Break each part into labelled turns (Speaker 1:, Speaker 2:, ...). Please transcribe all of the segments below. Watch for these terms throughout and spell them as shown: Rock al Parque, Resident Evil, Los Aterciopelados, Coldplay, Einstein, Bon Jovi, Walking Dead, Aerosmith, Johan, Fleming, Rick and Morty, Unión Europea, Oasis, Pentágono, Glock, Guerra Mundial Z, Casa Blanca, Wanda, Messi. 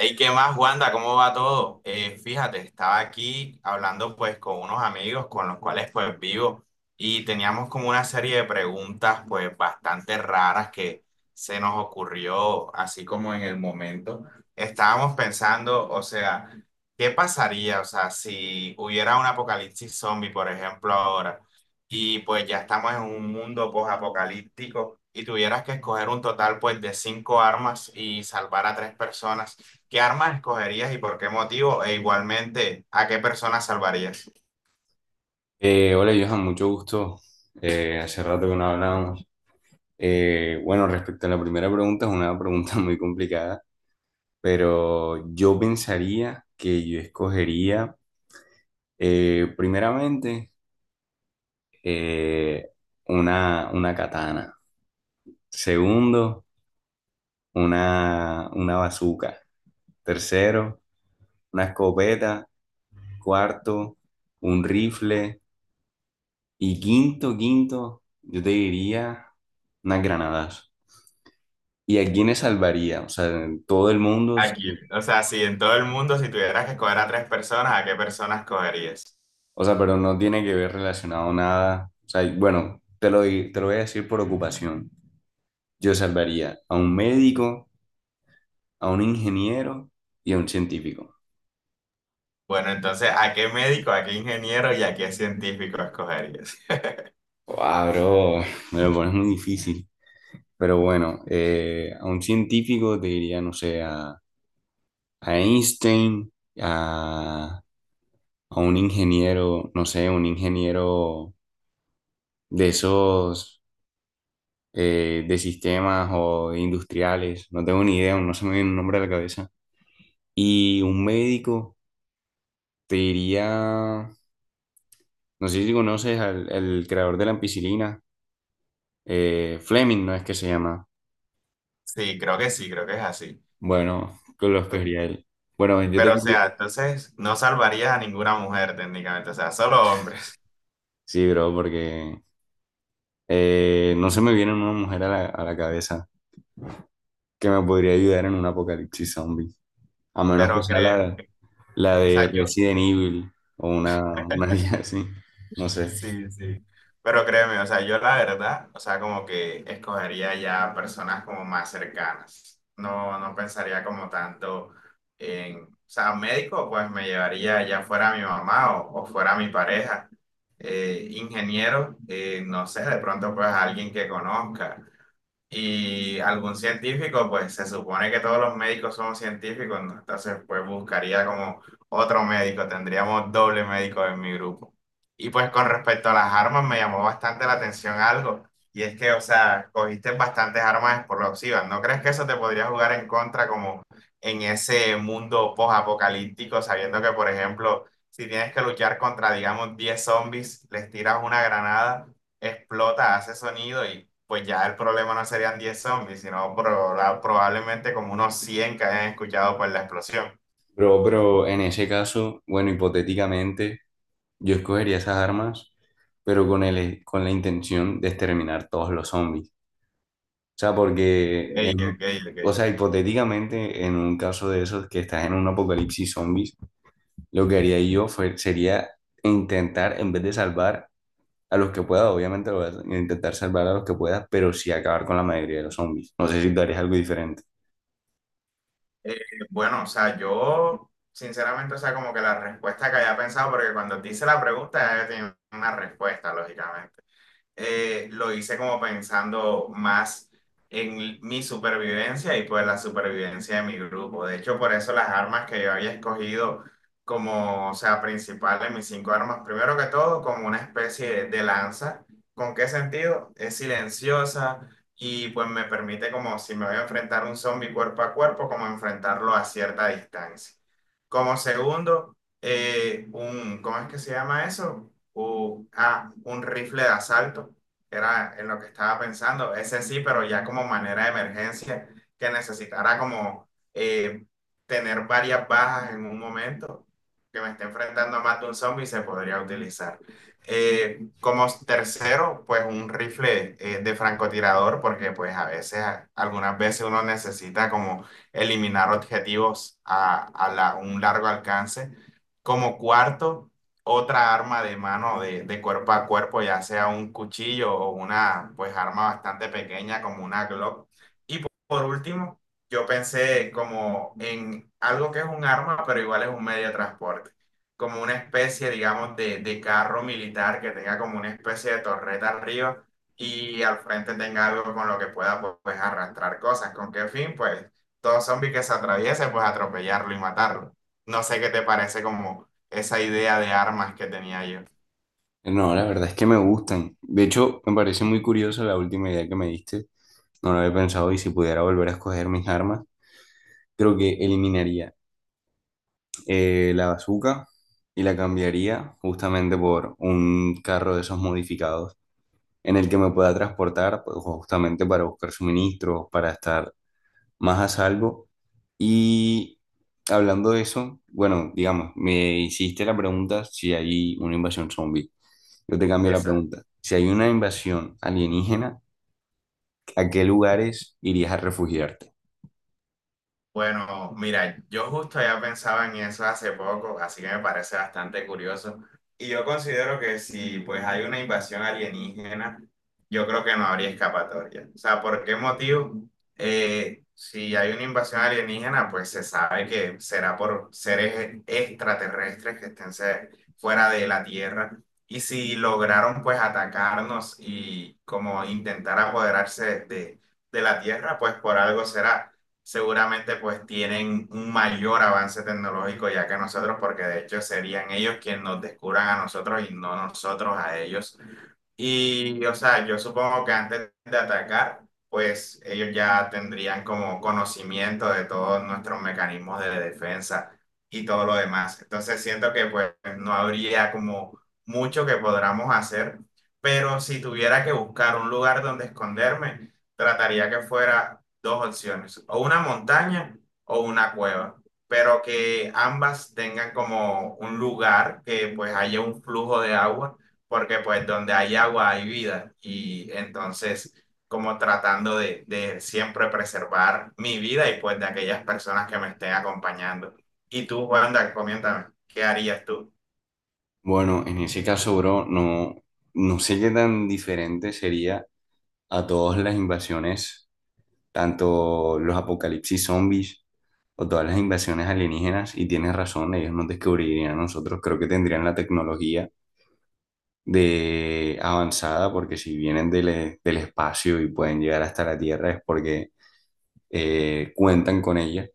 Speaker 1: Hey, ¿qué más, Wanda? ¿Cómo va todo? Fíjate, estaba aquí hablando pues con unos amigos con los cuales pues vivo y teníamos como una serie de preguntas pues bastante raras que se nos ocurrió así como en el momento. Estábamos pensando, o sea, ¿qué pasaría, o sea, si hubiera un apocalipsis zombie, por ejemplo, ahora y pues ya estamos en un mundo post-apocalíptico y tuvieras que escoger un total pues de cinco armas y salvar a tres personas? ¿Qué armas escogerías y por qué motivo? E igualmente, ¿a qué personas salvarías?
Speaker 2: Hola Johan, mucho gusto. Hace rato que no hablábamos. Bueno, respecto a la primera pregunta, es una pregunta muy complicada, pero yo pensaría que yo escogería primeramente eh, una katana, segundo, una bazooka, tercero, una escopeta, cuarto, un rifle y quinto, yo te diría unas granadas. ¿Y a quiénes salvaría? O sea, en todo el mundo,
Speaker 1: ¿A quién?
Speaker 2: sí.
Speaker 1: O sea, si en todo el mundo, si tuvieras que escoger a tres personas, ¿a qué personas escogerías?
Speaker 2: O sea, pero no tiene que ver relacionado nada. O sea, y bueno, te lo voy a decir por ocupación. Yo salvaría a un médico, a un ingeniero y a un científico.
Speaker 1: Bueno, entonces, ¿a qué médico, a qué ingeniero y a qué científico escogerías?
Speaker 2: Wow, bro, me lo pones muy difícil. Pero bueno, a un científico te diría, no sé, a Einstein, a, a un ingeniero, no sé, un ingeniero de esos de sistemas o de industriales, no tengo ni idea, no se me viene un nombre a la cabeza. Y un médico te diría, no sé si conoces al el creador de la ampicilina, Fleming, ¿no es que se llama?
Speaker 1: Sí, creo que es así.
Speaker 2: Bueno, que lo escogería él. Bueno, yo te...
Speaker 1: Pero, o sea, entonces no salvarías a ninguna mujer técnicamente, o sea, solo hombres.
Speaker 2: Sí, bro, porque no se me viene una mujer a a la cabeza que me podría ayudar en un apocalipsis zombie, a menos que
Speaker 1: Pero
Speaker 2: sea
Speaker 1: creo,
Speaker 2: la,
Speaker 1: o
Speaker 2: la de
Speaker 1: sea, yo,
Speaker 2: Resident Evil o una guía así, no sé.
Speaker 1: sí, sí. Pero créeme, o sea, yo la verdad, o sea, como que escogería ya personas como más cercanas. No, no pensaría como tanto en, o sea, médico, pues me llevaría ya fuera mi mamá o fuera mi pareja. Ingeniero, no sé, de pronto pues alguien que conozca. Y algún científico, pues se supone que todos los médicos somos científicos, ¿no? Entonces, pues buscaría como otro médico, tendríamos doble médico en mi grupo. Y pues con respecto a las armas, me llamó bastante la atención algo, y es que, o sea, cogiste bastantes armas explosivas, ¿no crees que eso te podría jugar en contra como en ese mundo post-apocalíptico, sabiendo que, por ejemplo, si tienes que luchar contra, digamos, 10 zombies, les tiras una granada, explota, hace sonido y pues ya el problema no serían 10 zombies, sino probablemente como unos 100 que hayan escuchado por la explosión?
Speaker 2: Bro, pero en ese caso, bueno, hipotéticamente, yo escogería esas armas, pero con con la intención de exterminar todos los zombies. O sea,
Speaker 1: Ey, ok,
Speaker 2: o
Speaker 1: ok.
Speaker 2: sea, hipotéticamente, en un caso de esos que estás en un apocalipsis zombies, lo que haría yo sería intentar, en vez de salvar a los que pueda, obviamente lo voy a intentar salvar a los que pueda, pero sí acabar con la mayoría de los zombies. No sé si tú harías algo diferente.
Speaker 1: Eh, bueno, o sea, yo sinceramente, o sea, como que la respuesta que había pensado, porque cuando te hice la pregunta ya yo tenía una respuesta, lógicamente. Lo hice como pensando más en mi supervivencia y pues la supervivencia de mi grupo. De hecho, por eso las armas que yo había escogido como, o sea, principal de mis cinco armas, primero que todo, como una especie de lanza. ¿Con qué sentido? Es silenciosa y pues me permite como si me voy a enfrentar a un zombie cuerpo a cuerpo, como enfrentarlo a cierta distancia. Como segundo, un, ¿cómo es que se llama eso? O ah, un rifle de asalto, era en lo que estaba pensando, ese sí, pero ya como manera de emergencia, que necesitara como tener varias bajas en un momento, que me esté enfrentando a más de un zombie, se podría utilizar. Como tercero, pues un rifle de francotirador, porque pues a veces, algunas veces uno necesita como eliminar objetivos a un largo alcance. Como cuarto, otra arma de mano de cuerpo a cuerpo, ya sea un cuchillo o una pues arma bastante pequeña como una Glock. Y por último, yo pensé como en algo que es un arma, pero igual es un medio de transporte, como una especie, digamos, de carro militar que tenga como una especie de torreta arriba y al frente tenga algo con lo que pueda pues arrastrar cosas. ¿Con qué fin? Pues todo zombie que se atraviese, pues atropellarlo y matarlo. No sé qué te parece como esa idea de armas que tenía yo.
Speaker 2: No, la verdad es que me gustan. De hecho, me parece muy curiosa la última idea que me diste. No lo había pensado y si pudiera volver a escoger mis armas, creo que eliminaría la bazooka y la cambiaría justamente por un carro de esos modificados en el que me pueda transportar pues, justamente para buscar suministros, para estar más a salvo. Y hablando de eso, bueno, digamos, me hiciste la pregunta si hay una invasión zombie. Yo te cambio la
Speaker 1: Esa,
Speaker 2: pregunta. Si hay una invasión alienígena, ¿a qué lugares irías a refugiarte?
Speaker 1: Bueno, mira, yo justo ya pensaba en eso hace poco, así que me parece bastante curioso. Y yo considero que si pues hay una invasión alienígena, yo creo que no habría escapatoria. O sea, ¿por qué motivo? Si hay una invasión alienígena, pues se sabe que será por seres extraterrestres que estén fuera de la Tierra. Y si lograron pues atacarnos y como intentar apoderarse de la Tierra, pues por algo será, seguramente pues tienen un mayor avance tecnológico ya que nosotros, porque de hecho serían ellos quienes nos descubran a nosotros y no nosotros a ellos y, o sea, yo supongo que antes de atacar, pues ellos ya tendrían como conocimiento de todos nuestros mecanismos de defensa y todo lo demás. Entonces siento que pues no habría como mucho que podamos hacer, pero si tuviera que buscar un lugar donde esconderme, trataría que fuera dos opciones, o una montaña o una cueva, pero que ambas tengan como un lugar que pues haya un flujo de agua, porque pues donde hay agua hay vida y entonces como tratando de siempre preservar mi vida y pues de aquellas personas que me estén acompañando. Y tú, Wanda, coméntame, ¿qué harías tú?
Speaker 2: Bueno, en ese caso, bro, no, no sé qué tan diferente sería a todas las invasiones, tanto los apocalipsis zombies o todas las invasiones alienígenas, y tienes razón, ellos nos descubrirían a nosotros, creo que tendrían la tecnología de avanzada, porque si vienen del espacio y pueden llegar hasta la Tierra es porque cuentan con ella.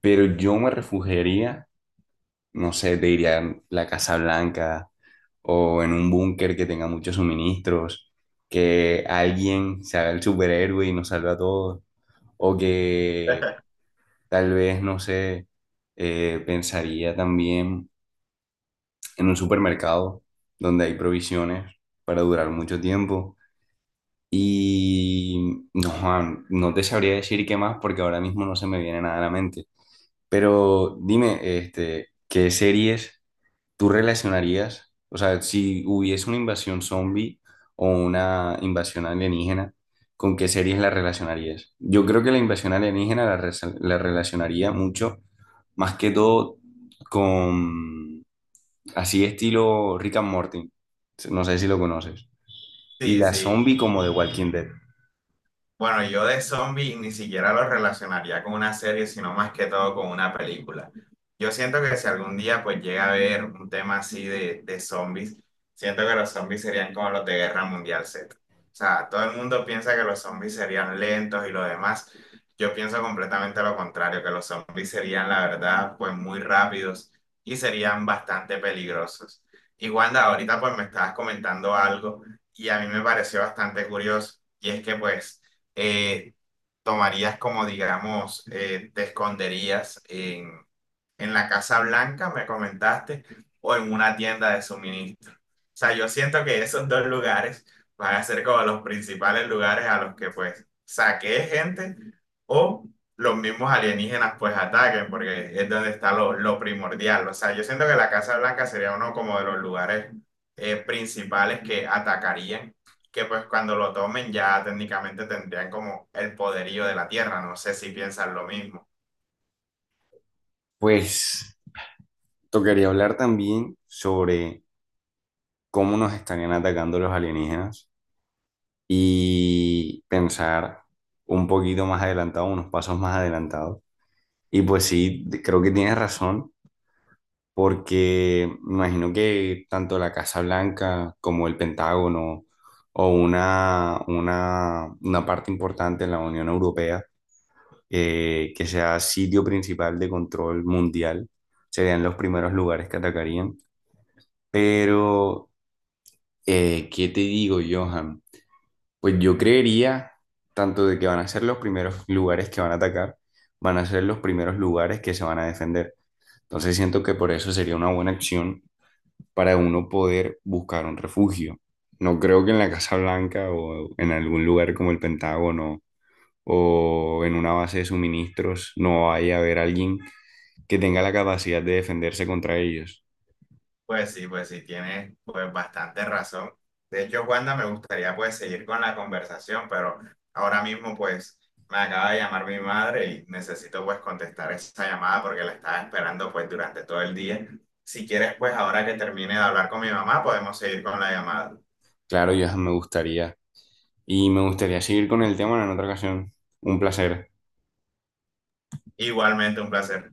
Speaker 2: Pero yo me refugiaría, no sé, te diría en la Casa Blanca o en un búnker que tenga muchos suministros, que alguien se haga el superhéroe y nos salve a todos, o que tal vez, no sé, pensaría también en un supermercado donde hay provisiones para durar mucho tiempo. Y no, Juan, no te sabría decir qué más porque ahora mismo no se me viene nada a la mente. Pero dime, este, ¿qué series tú relacionarías? O sea, si hubiese una invasión zombie o una invasión alienígena, ¿con qué series la relacionarías? Yo creo que la invasión alienígena la relacionaría mucho, más que todo con así estilo Rick and Morty. No sé si lo conoces. Y
Speaker 1: Sí,
Speaker 2: la
Speaker 1: sí.
Speaker 2: zombie como de Walking Dead.
Speaker 1: Bueno, yo de zombies ni siquiera lo relacionaría con una serie, sino más que todo con una película. Yo siento que si algún día pues llega a haber un tema así de zombies, siento que los zombies serían como los de Guerra Mundial Z. O sea, todo el mundo piensa que los zombies serían lentos y lo demás. Yo pienso completamente lo contrario, que los zombies serían, la verdad, pues muy rápidos y serían bastante peligrosos. Y Wanda, ahorita pues me estabas comentando algo y a mí me pareció bastante curioso. Y es que pues eh, tomarías como, digamos, te esconderías en la Casa Blanca, me comentaste, o en una tienda de suministro. O sea, yo siento que esos dos lugares van a ser como los principales lugares a los que pues saquee gente o los mismos alienígenas pues ataquen, porque es donde está lo primordial. O sea, yo siento que la Casa Blanca sería uno como de los lugares principales que atacarían, que pues cuando lo tomen ya técnicamente tendrían como el poderío de la Tierra. No sé si piensan lo mismo.
Speaker 2: Pues tocaría hablar también sobre cómo nos estarían atacando los alienígenas y pensar un poquito más adelantado, unos pasos más adelantados. Y pues sí, creo que tienes razón, porque me imagino que tanto la Casa Blanca como el Pentágono o una parte importante en la Unión Europea, que sea sitio principal de control mundial, serían los primeros lugares que atacarían. Pero, ¿qué te digo, Johan? Pues yo creería tanto de que van a ser los primeros lugares que van a atacar, van a ser los primeros lugares que se van a defender. Entonces siento que por eso sería una buena acción para uno poder buscar un refugio. No creo que en la Casa Blanca o en algún lugar como el Pentágono o en una base de suministros no vaya a haber alguien que tenga la capacidad de defenderse contra ellos.
Speaker 1: Pues sí, tienes pues bastante razón. De hecho, Wanda, me gustaría pues seguir con la conversación, pero ahora mismo pues me acaba de llamar mi madre y necesito pues contestar esa llamada porque la estaba esperando pues durante todo el día. Si quieres pues ahora que termine de hablar con mi mamá podemos seguir con la llamada.
Speaker 2: Claro, Johan, me gustaría y me gustaría seguir con el tema en otra ocasión. Un placer.
Speaker 1: Igualmente un placer.